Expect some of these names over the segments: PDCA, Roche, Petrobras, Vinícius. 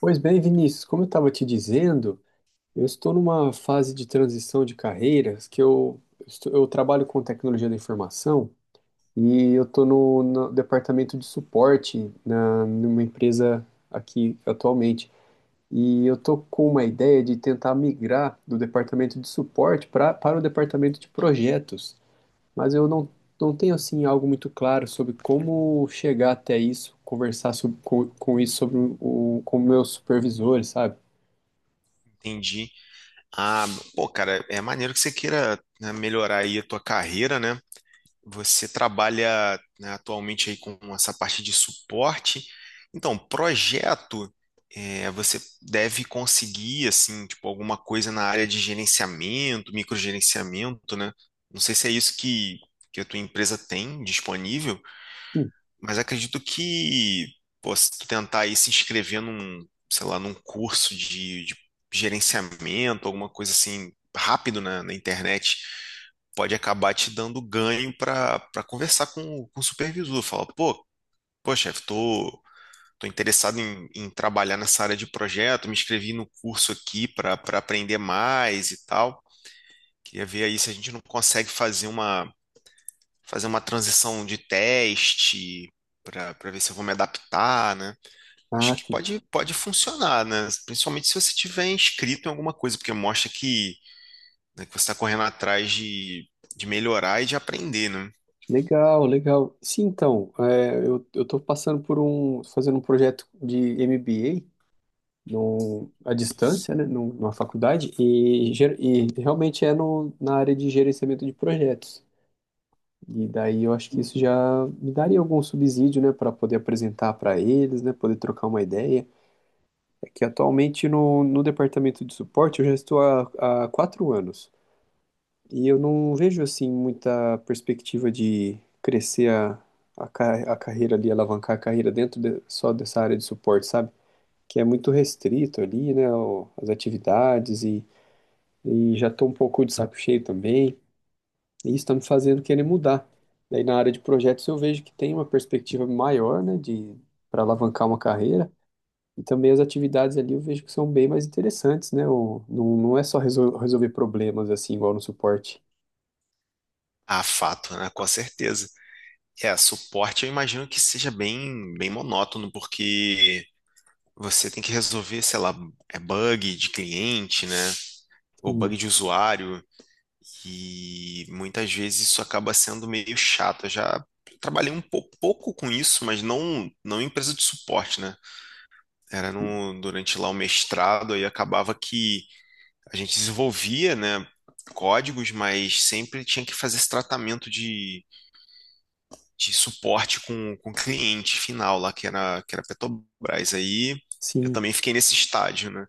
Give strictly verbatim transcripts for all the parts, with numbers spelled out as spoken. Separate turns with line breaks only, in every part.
Pois bem, Vinícius, como eu estava te dizendo, eu estou numa fase de transição de carreiras que eu, estou- eu trabalho com tecnologia da informação e eu estou no, no departamento de suporte na, numa empresa aqui atualmente. E eu estou com uma ideia de tentar migrar do departamento de suporte pra, para o departamento de projetos, mas eu não, não tenho assim algo muito claro sobre como chegar até isso, conversar sobre, com, com isso sobre o, com o meu supervisor, sabe?
Entendi. Ah, pô, cara, é maneiro que você queira, né, melhorar aí a tua carreira, né? Você trabalha, né, atualmente aí com essa parte de suporte. Então, projeto, é, você deve conseguir, assim, tipo, alguma coisa na área de gerenciamento, microgerenciamento, né? Não sei se é isso que, que a tua empresa tem disponível,
Sim.
mas acredito que, pô, se tu tentar aí se inscrever num, sei lá, num curso de, de gerenciamento, alguma coisa assim, rápido na, na internet, pode acabar te dando ganho para para conversar com, o- com o supervisor. Fala, pô, pô, chefe, tô, tô interessado em, em trabalhar nessa área de projeto, me inscrevi no curso aqui para para aprender mais e tal. Queria ver aí se a gente não consegue fazer uma fazer uma transição de teste para para ver se eu vou me adaptar, né? Acho
Ah,
que
sim.
pode, pode funcionar, né? Principalmente se você tiver inscrito em alguma coisa, porque mostra que, né, que você está correndo atrás de, de melhorar e de aprender, né?
Legal, legal. Sim, então, é, eu, eu tô passando por um, fazendo um projeto de M B A num, à distância, né, num- numa faculdade, e, ger- e realmente é no, na área de gerenciamento de projetos. E daí eu acho que isso já me daria algum subsídio, né, para poder apresentar para eles, né, poder trocar uma ideia. É que atualmente no, no departamento de suporte eu já estou há, há quatro anos. E eu não vejo assim muita perspectiva de crescer a, a, ca- a carreira ali, alavancar a carreira dentro de- só dessa área de suporte, sabe? Que é muito restrito ali, né? O- as atividades e, e já tô um pouco de saco cheio também. E isso tá me fazendo querer mudar. Daí na área de projetos eu vejo que tem uma perspectiva maior, né? De para alavancar uma carreira. E também as atividades ali eu vejo que são bem mais interessantes, né? O, não, não é só resol- resolver problemas assim, igual no suporte.
Ah, fato, né? Com certeza. É, suporte eu imagino que seja bem, bem monótono, porque você tem que resolver, sei lá, é bug de cliente, né? Ou
Sim.
bug de usuário. E muitas vezes isso acaba sendo meio chato. Eu já trabalhei um pou- pouco com isso, mas não, não em empresa de suporte, né? Era no, durante lá o mestrado, aí acabava que a gente desenvolvia, né, códigos, mas sempre tinha que fazer esse tratamento de, de suporte com, com o cliente final lá, que era, que era Petrobras. Aí eu
Sim,
também fiquei nesse estágio, né?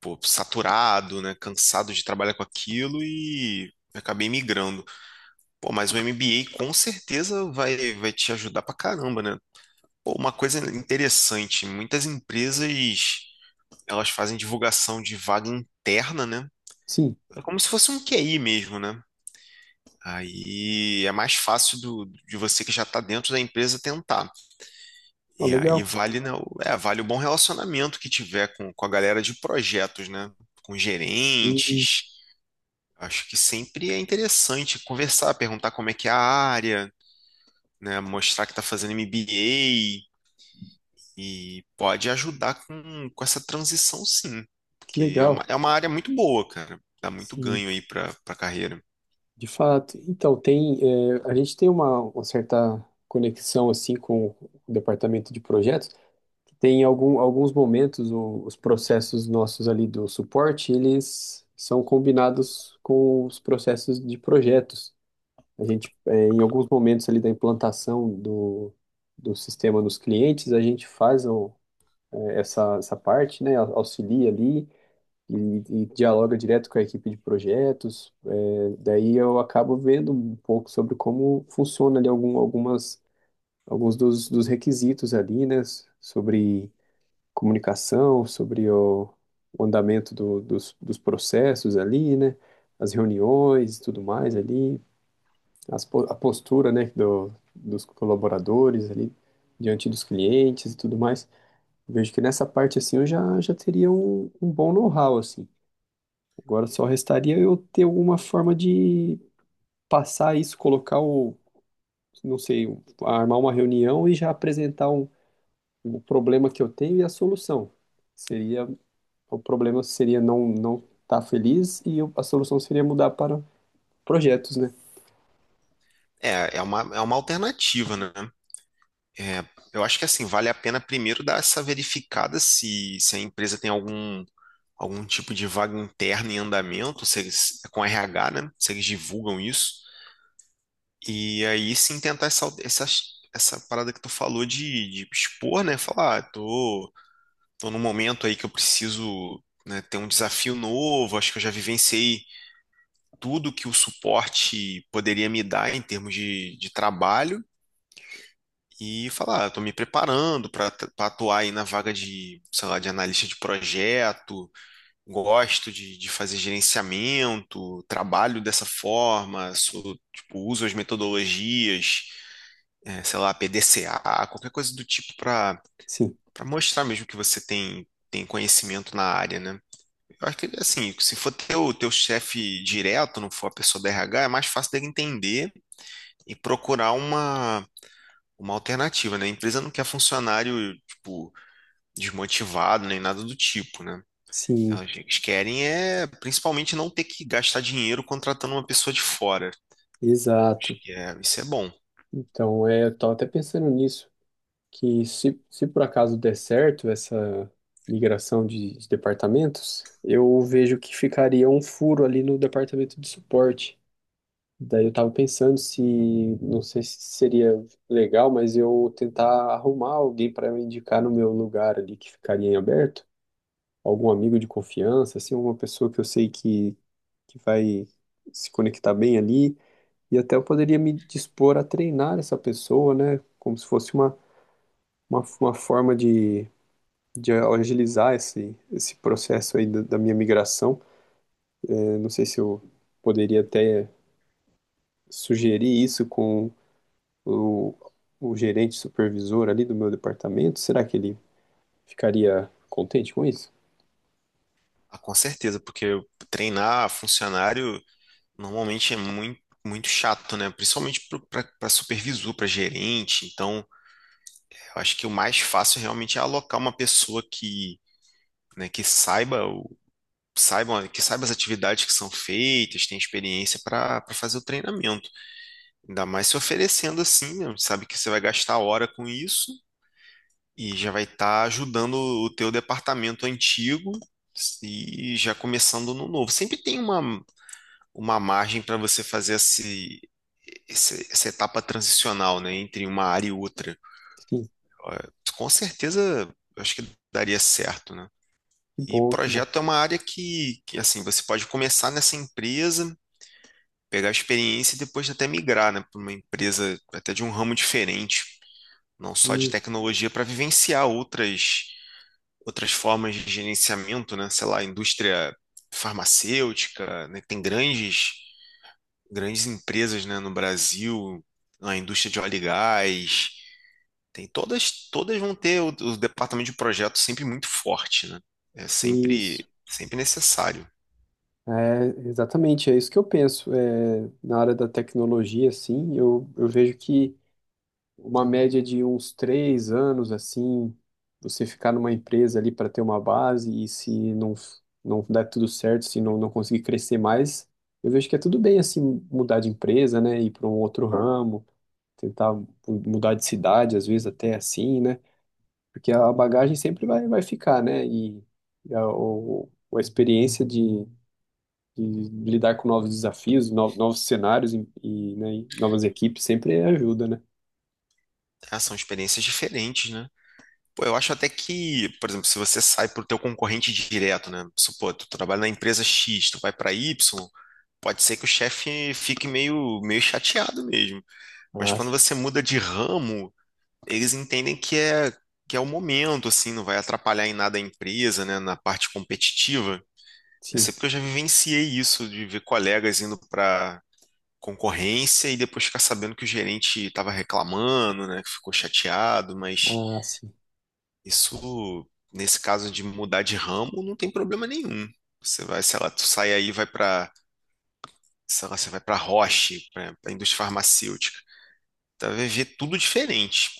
Pô, saturado, né? Cansado de trabalhar com aquilo e acabei migrando. Pô, mas o M B A com certeza vai, vai te ajudar pra caramba, né? Pô, uma coisa interessante, muitas empresas elas fazem divulgação de vaga interna, né?
sim,
É como se fosse um Q I mesmo, né? Aí é mais fácil do, de você que já está dentro da empresa tentar.
ó,
E
legal.
aí vale, né, o- é, vale o bom relacionamento que tiver com, com a galera de projetos, né? Com
Sim,
gerentes. Acho que sempre é interessante conversar, perguntar como é que é a área, né? Mostrar que está fazendo M B A e pode ajudar com, com essa transição, sim.
que
Porque é
legal.
uma, é uma, área muito boa, cara. Dá muito
Sim,
ganho aí para para carreira.
de fato. Então, tem, eh, a gente tem uma, uma certa conexão assim com o departamento de projetos, que tem algum, alguns momentos o- os processos nossos ali do suporte, eles são combinados com os processos de projetos. A gente, eh, em alguns momentos ali da implantação do, do sistema nos clientes, a gente faz o- eh, essa, essa parte, né, au- auxilia ali e, e dialoga direto com a equipe de projetos. É, daí eu acabo vendo um pouco sobre como funciona ali algum, algumas, alguns dos, dos requisitos ali, né? s- Sobre comunicação, sobre o, o andamento do- dos, dos processos ali, né? As reuniões e tudo mais ali, as, po- a postura, né, do, dos colaboradores ali diante dos clientes e tudo mais. Vejo que nessa parte assim eu já, já teria um, um bom know-how assim. Agora só restaria eu ter alguma forma de passar isso, colocar o, não sei, o- armar uma reunião e já apresentar um, o problema que eu tenho e a solução. Seria, o problema seria não não estar feliz e eu- a solução seria mudar para projetos, né?
É, é uma, é uma alternativa, né? É, eu acho que assim, vale a pena primeiro dar essa verificada se, se a empresa tem algum, algum tipo de vaga interna em andamento, se eles, é com R H, né? Se eles divulgam isso. E aí sim tentar essa, essa, essa parada que tu falou de, de expor, né? Falar, ah, tô Estou num momento aí que eu preciso, né, ter um desafio novo. Acho que eu já vivenciei tudo que o suporte poderia me dar em termos de, de trabalho e falar, estou me preparando para atuar aí na vaga de, sei lá, de analista de projeto. Gosto de, de fazer gerenciamento, trabalho dessa forma, sou, tipo, uso as metodologias, eh, sei lá, P D C A, qualquer coisa do tipo para
Sim,
para mostrar mesmo que você tem, tem conhecimento na área, né? Eu acho que, assim, se for teu, teu, chefe direto, não for a pessoa da R H, é mais fácil dele entender e procurar uma, uma alternativa, né? A empresa não quer funcionário, tipo, desmotivado, nem nada do tipo, né?
sim,
Elas Eles querem é, principalmente, não ter que gastar dinheiro contratando uma pessoa de fora.
exato.
Que é- isso é bom.
Então, é, eu estava até pensando nisso, que se, se por acaso der certo essa migração de de departamentos, eu vejo que ficaria um furo ali no departamento de suporte. Daí eu tava pensando se, não sei se seria legal, mas eu tentar arrumar alguém para me indicar no meu lugar ali que ficaria em aberto, algum amigo de confiança, assim, uma pessoa que eu sei que, que vai se conectar bem ali, e até eu poderia me dispor a treinar essa pessoa, né, como se fosse uma, uma, uma forma de, de agilizar esse, esse processo aí da, da minha migração. Eu não sei se eu poderia até sugerir isso o, o gerente supervisor ali do meu departamento, será que ele ficaria contente com isso?
Ah, com certeza, porque treinar funcionário normalmente é muito, muito chato, né? Principalmente para supervisor, para gerente, então. Eu acho que o mais fácil realmente é alocar uma pessoa que, né, que saiba o, saiba que saiba as atividades que são feitas, tem experiência para fazer o treinamento. Ainda mais se oferecendo assim, né? Sabe que você vai gastar hora com isso e já vai estar ajudando o teu departamento antigo e já começando no novo. Sempre tem uma, uma, margem para você fazer esse, esse- essa etapa transicional, né, entre uma área e outra.
Sim,
Eh, Com certeza, eu acho que daria certo, né?
que
E
bom, que bom.
projeto é uma área que, que assim, você pode começar nessa empresa, pegar experiência e depois até migrar, né, para uma empresa até de um ramo diferente, não só de
Isso,
tecnologia, para vivenciar outras outras formas de gerenciamento, né, sei lá, indústria farmacêutica, né, tem grandes grandes empresas, né, no Brasil, a indústria de óleo e gás, tem todas todas vão ter o, o departamento de projeto sempre muito forte, né? É
isso.
sempre sempre necessário.
É, exatamente, é isso que eu penso. É, na área da tecnologia, assim, eu, eu vejo que uma média de uns três anos, assim, você ficar numa empresa ali para ter uma base e se não, não der tudo certo, se não, não conseguir crescer mais, eu vejo que é tudo bem, assim, mudar de empresa, né, ir para um outro ramo. Tentar mudar de cidade, às vezes até assim, né? Porque a bagagem sempre vai, vai ficar, né? E, a, o, a experiência de, de lidar com novos desafios, no- novos cenários e, e, né, e novas equipes sempre ajuda, né?
Ah, são experiências diferentes, né? Pô, eu acho até que, por exemplo, se você sai pro teu concorrente direto, né? Supor, tu trabalha na empresa X, tu vai para Y, pode ser que o chefe fique meio, meio chateado mesmo. Mas
Ah,
quando
sim.
você muda de ramo, eles entendem que é, que é o momento, assim, não vai atrapalhar em nada a empresa, né? Na parte competitiva. Eu
Sim.
sei porque eu já vivenciei isso, de ver colegas indo para concorrência e depois ficar sabendo que o gerente estava reclamando, né? Que ficou chateado. mas
Ah, sim.
Isso, nesse caso de mudar de ramo, não tem problema nenhum. Você vai, sei lá, tu sai aí, e vai para, sei lá, você vai para Roche, para a indústria farmacêutica. Tu vai ver tudo diferente.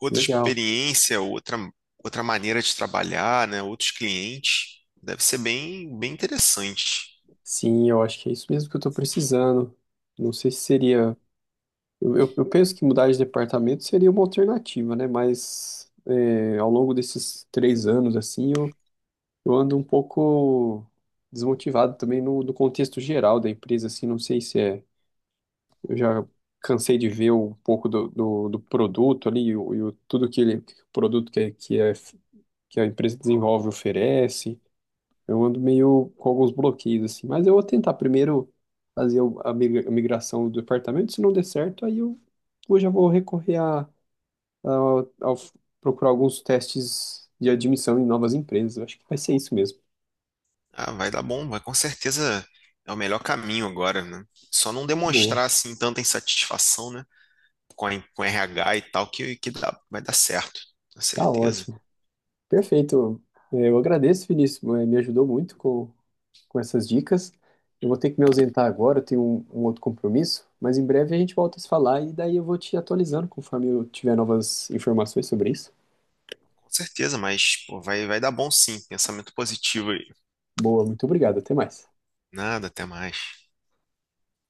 Outra
Legal.
experiência, outra, outra maneira de trabalhar, né? Outros clientes. Deve ser bem, bem interessante.
Sim, eu acho que é isso mesmo que eu estou precisando. Não sei se seria. Eu, eu, eu penso que mudar de departamento seria uma alternativa, né? Mas é, ao longo desses três anos, assim, eu Eu ando um pouco desmotivado também no, no contexto geral da empresa, assim, não sei se é. Eu já cansei de ver um pouco do, do, do produto ali, e o, e o- tudo que ele, o produto que, é, que, é, que a empresa desenvolve oferece. Eu ando meio com alguns bloqueios, assim, mas eu vou tentar primeiro fazer o- a migra- a migração do departamento, se não der certo, aí eu, eu já vou recorrer a, a, ao- procurar alguns testes de admissão em novas empresas. Eu acho que vai ser isso mesmo.
Ah, vai dar bom, vai com certeza é o melhor caminho agora, né? Só não
Boa,
demonstrar assim tanta insatisfação, né? Com a, com R H e tal, que, que dá, vai dar certo, com
tá
certeza.
ótimo. Perfeito. É, eu agradeço, Vinícius. eh, Me ajudou muito com, com essas dicas. Eu vou ter que me ausentar agora, eu tenho um, um outro compromisso, mas em breve a gente volta a se falar e daí eu vou te atualizando conforme eu tiver novas informações sobre isso.
Com certeza, mas pô, vai, vai dar bom sim. Pensamento positivo aí.
Boa, muito obrigado. Até mais.
Nada, até mais.